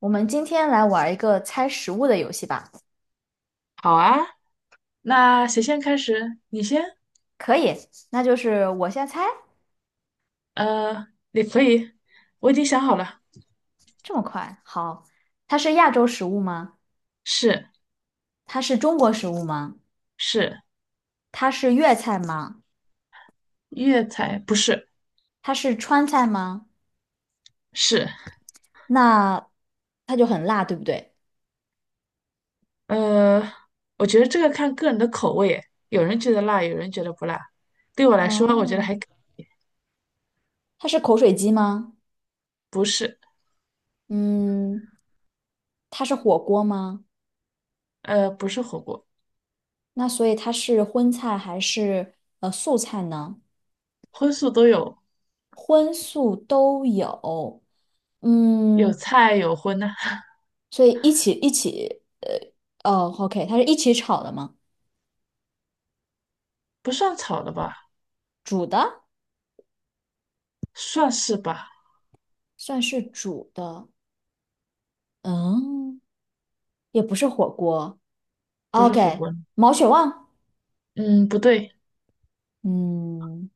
我们今天来玩一个猜食物的游戏吧。好啊，那谁先开始？你先？可以，那就是我先猜。你可以，我已经想好了，这么快。好，它是亚洲食物吗？是。它是中国食物吗？是它是粤菜吗？粤菜，不是。它是川菜吗？是。那它就很辣，对不对？呃，我觉得这个看个人的口味耶，有人觉得辣，有人觉得不辣。对我来说，我觉得哦，还它是口水鸡吗？不是。嗯，它是火锅吗？不是火锅。那所以它是荤菜还是素菜呢？荤素都有，荤素都有。有嗯，菜有荤的。所以一起，OK,它是一起炒的吗？不算炒的吧？煮的，算是吧，算是煮的。嗯，也不是火锅。不是火 OK,锅。毛血旺。嗯，不对。嗯，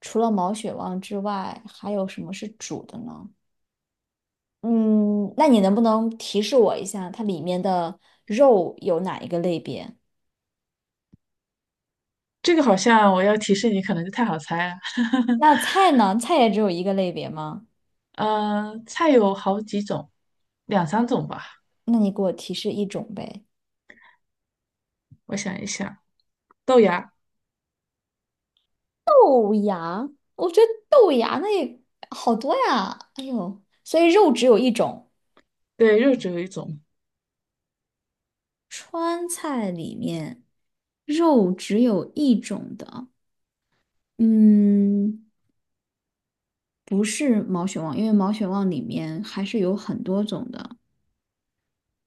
除了毛血旺之外，还有什么是煮的呢？嗯，那你能不能提示我一下，它里面的肉有哪一个类别？这个好像我要提示你，可能就太好猜了。那菜呢？菜也只有一个类别吗？嗯，菜有好几种，两三种吧。那你给我提示一种呗。我想一想，豆芽，豆芽，我觉得豆芽那也好多呀。哎呦，所以肉只有一种。对，肉只有一种。川菜里面肉只有一种的，嗯，不是毛血旺，因为毛血旺里面还是有很多种的。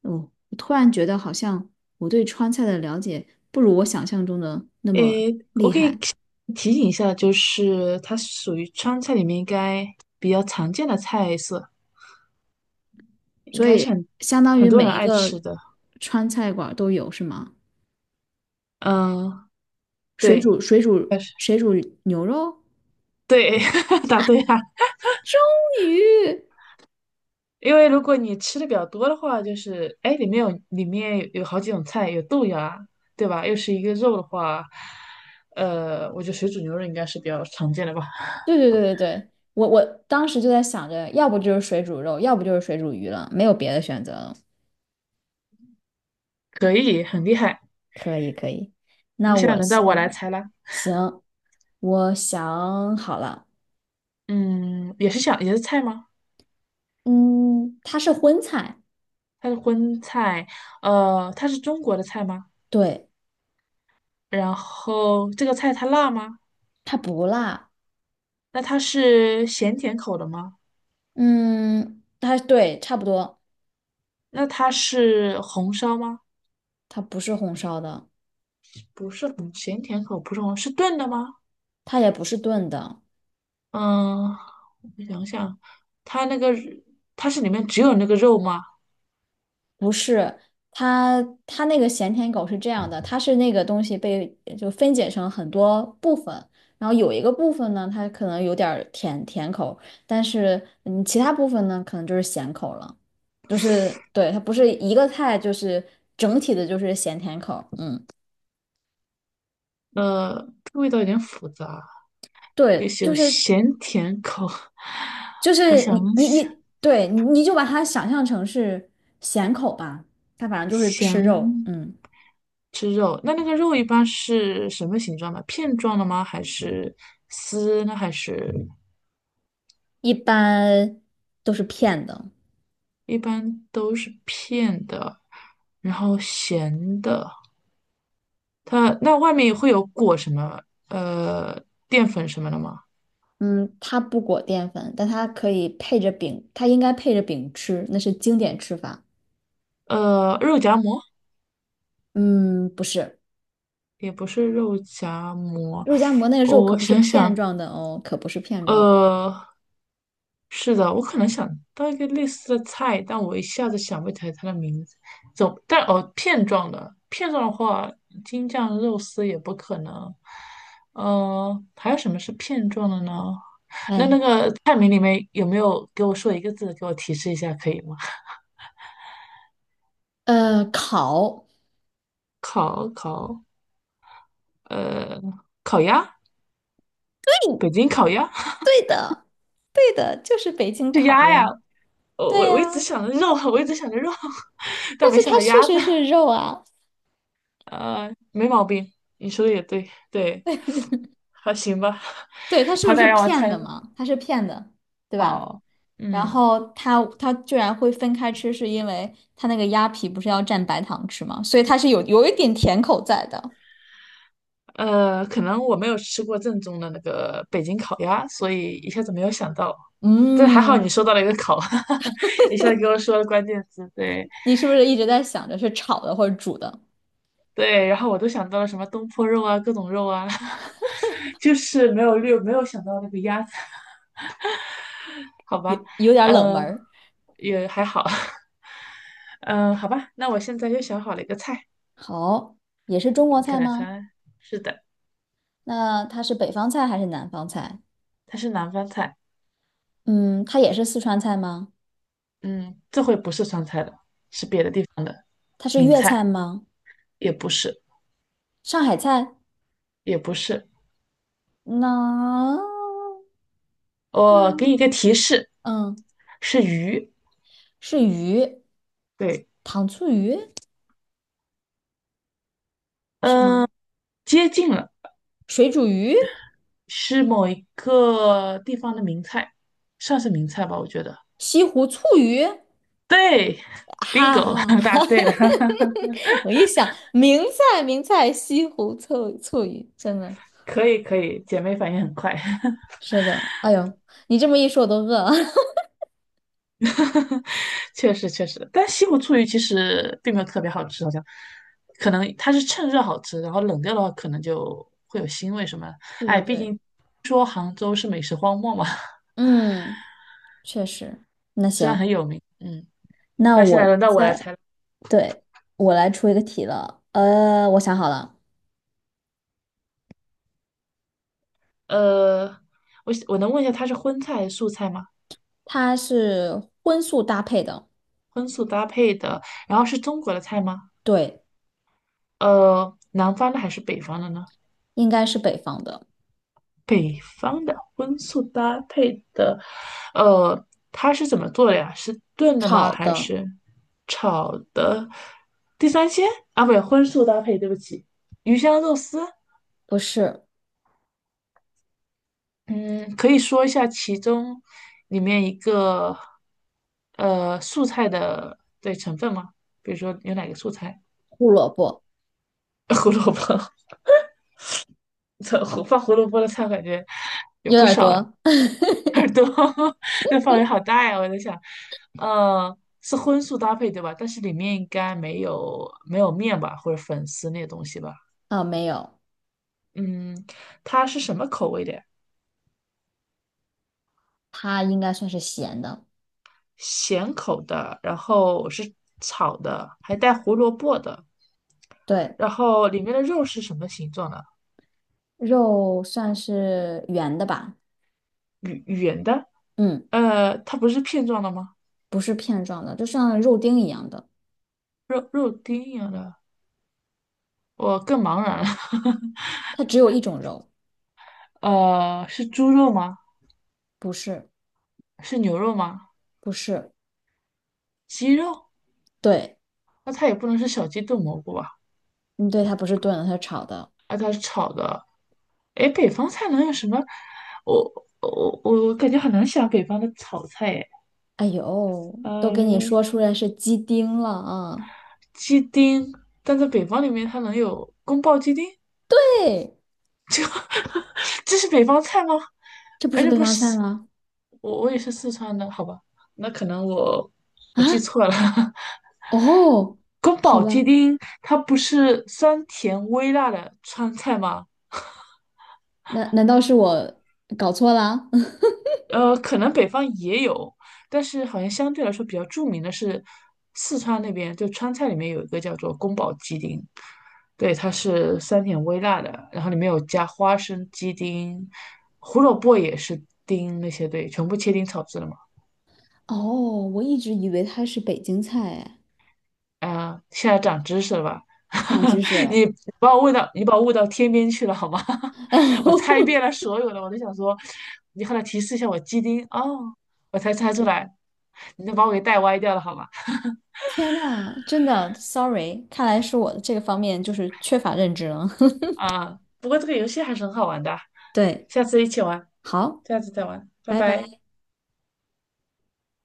哦，我突然觉得好像我对川菜的了解不如我想象中的那么诶，我厉可以害，提醒一下，就是它属于川菜里面应该比较常见的菜色，应所该是以相当很于多每人一爱个吃的。川菜馆儿都有，是吗？嗯，水对，煮水煮水煮牛肉。对，答对了。终于，因为如果你吃的比较多的话，就是哎，里面有好几种菜，有豆芽啊，对吧？又是一个肉的话，我觉得水煮牛肉应该是比较常见的吧。对对对对对，我当时就在想着，要不就是水煮肉，要不就是水煮鱼了，没有别的选择了。可以，很厉害。可以可以，那那现在我轮到我来先。猜啦。行，我想好了。嗯，也是菜吗？嗯，它是荤菜。它是荤菜，它是中国的菜吗？对，然后这个菜它辣吗？它不辣。那它是咸甜口的吗？嗯，它对，差不多。那它是红烧吗？它不是红烧的，不是红，咸甜口不是红，是炖的吗？它也不是炖的。嗯，我想想。它那个它是里面只有那个肉吗？不是，它它那个咸甜口是这样的，它是那个东西被就分解成很多部分，然后有一个部分呢，它可能有点儿甜甜口，但是其他部分呢，可能就是咸口了。就是对，它不是一个菜，就是整体的就是咸甜口。嗯，呃，这个味道有点复杂，也对，许有就是咸甜口。就我是想你你想，你，对，你就把它想象成是咸口吧，它反正就是吃肉。咸嗯，吃肉，那那个肉一般是什么形状的？片状的吗？还是丝呢？还是一般都是骗的。一般都是片的，然后咸的。它那外面会有裹什么？呃，淀粉什么的吗？嗯，它不裹淀粉，但它可以配着饼，它应该配着饼吃，那是经典吃法。肉夹馍。嗯，不是，也不是肉夹馍。肉夹馍那个哦，肉可我不是想片想，状的哦，可不是片状的。呃，是的，我可能想到一个类似的菜，但我一下子想不起来它的名字。总，但哦，片状的，片状的话，京酱肉丝也不可能。还有什么是片状的呢？那那哎，个菜名里面有没有给我说一个字给我提示一下，可以吗？烤。烤，呃，烤鸭，北京烤鸭。 对的，就是北京 是烤鸭呀，鸭。我对我我一直呀，想着肉。我一直想着肉，但但没是想它到确鸭子。实是肉啊。没毛病，你说的也对，对，还行吧。对，它 是好不是歹让我片猜。的嘛？它是片的，对吧？好，然嗯，后它它居然会分开吃，是因为它那个鸭皮不是要蘸白糖吃吗？所以它是有一点甜口在的。可能我没有吃过正宗的那个北京烤鸭，所以一下子没有想到。但还好你嗯，说到了一个烤，一下子给我说了关键词，对，你是不是一直在想着是炒的或者煮的？对，然后我都想到了什么东坡肉啊，各种肉啊，就是没有想到那个鸭子。好吧，有有点冷门嗯，儿。也还好。嗯，好吧，那我现在又想好了一个菜，好，也是中国你菜看，来吗？猜，是的。那它是北方菜还是南方菜？它是南方菜，嗯，它也是四川菜吗？嗯，这回不是川菜了，是别的地方的它是名粤菜，菜吗？也不是，上海菜？也不是。那，我给你一个提示，嗯，是鱼，是鱼，对，糖醋鱼是吗？嗯，接近了，水煮鱼、是某一个地方的名菜，算是名菜吧，我觉得，西湖醋鱼，对 哈，bingo，哈 哈！答对了。我一想，名菜名菜，西湖醋鱼，真的。可以可以，姐妹反应很快。是的，哎呦，你这么一说，我都饿了。确实确实，但西湖醋鱼其实并没有特别好吃，好像可能它是趁热好吃，然后冷掉的话可能就会有腥味什么的。对哎，对毕对，竟说杭州是美食荒漠嘛，嗯，确实。那 虽然行，很有名，嗯。那那现在我轮到我来再，猜了，对，我来出一个题了。我想好了。呃，我能问一下它是荤菜还是素菜吗？它是荤素搭配的，荤素搭配的，然后是中国的菜吗？对，南方的还是北方的呢？应该是北方的，北方的荤素搭配的，呃，它是怎么做的呀？是炖的吗？炒还的。是炒的？地三鲜，啊，不对，荤素搭配，对不起，鱼香肉丝。不是嗯，可以说一下其中里面一个素菜的对成分吗？比如说有哪个素菜？胡萝卜，胡萝卜，这胡萝卜的菜感觉有有不点少呀、多。 耳朵 那范围好大呀！我在想，是荤素搭配对吧？但是里面应该没有面吧，或者粉丝那些东西吧？啊，没有，嗯，它是什么口味的呀？它应该算是咸的。咸口的，然后是炒的，还带胡萝卜的，对，然后里面的肉是什么形状的？肉算是圆的吧。圆圆的？嗯，它不是片状的吗？不是片状的，就像肉丁一样的，肉丁一样的，我更茫然了。它只有一种肉。是猪肉吗？不是，是牛肉吗？不是，鸡肉？对，那它也不能是小鸡炖蘑菇吧？你对它不是炖的，它是炒的。那它是炒的。哎，北方菜能有什么？我感觉很难想北方的炒菜哎。哎呦，都给你呃，说出来是鸡丁了啊！鸡丁，但在北方里面它能有宫爆鸡丁？对，这这是北方菜吗？这不而是且北不方菜是吗？我也是四川的，好吧？那可能我记啊，错了。哦，宫好保吧，鸡丁它不是酸甜微辣的川菜吗？难难道是我搞错了？可能北方也有，但是好像相对来说比较著名的是四川那边，就川菜里面有一个叫做宫保鸡丁，对，它是酸甜微辣的，然后里面有加花生、鸡丁、胡萝卜也是丁那些，对，全部切丁炒制的嘛。哦，我一直以为它是北京菜，哎，啊，现在长知识了吧？长知识 了。你你把我问到天边去了好吗？我猜遍哦，了所有的，我都想说，你后来提示一下我鸡丁哦，我才猜出来，你都把我给带歪掉了好吗？天呐，真的，sorry,看来是我这个方面就是缺乏认知了。啊，不过这个游戏还是很好玩的啊。 对，下次一起玩，好，下次再玩，拜拜拜。拜。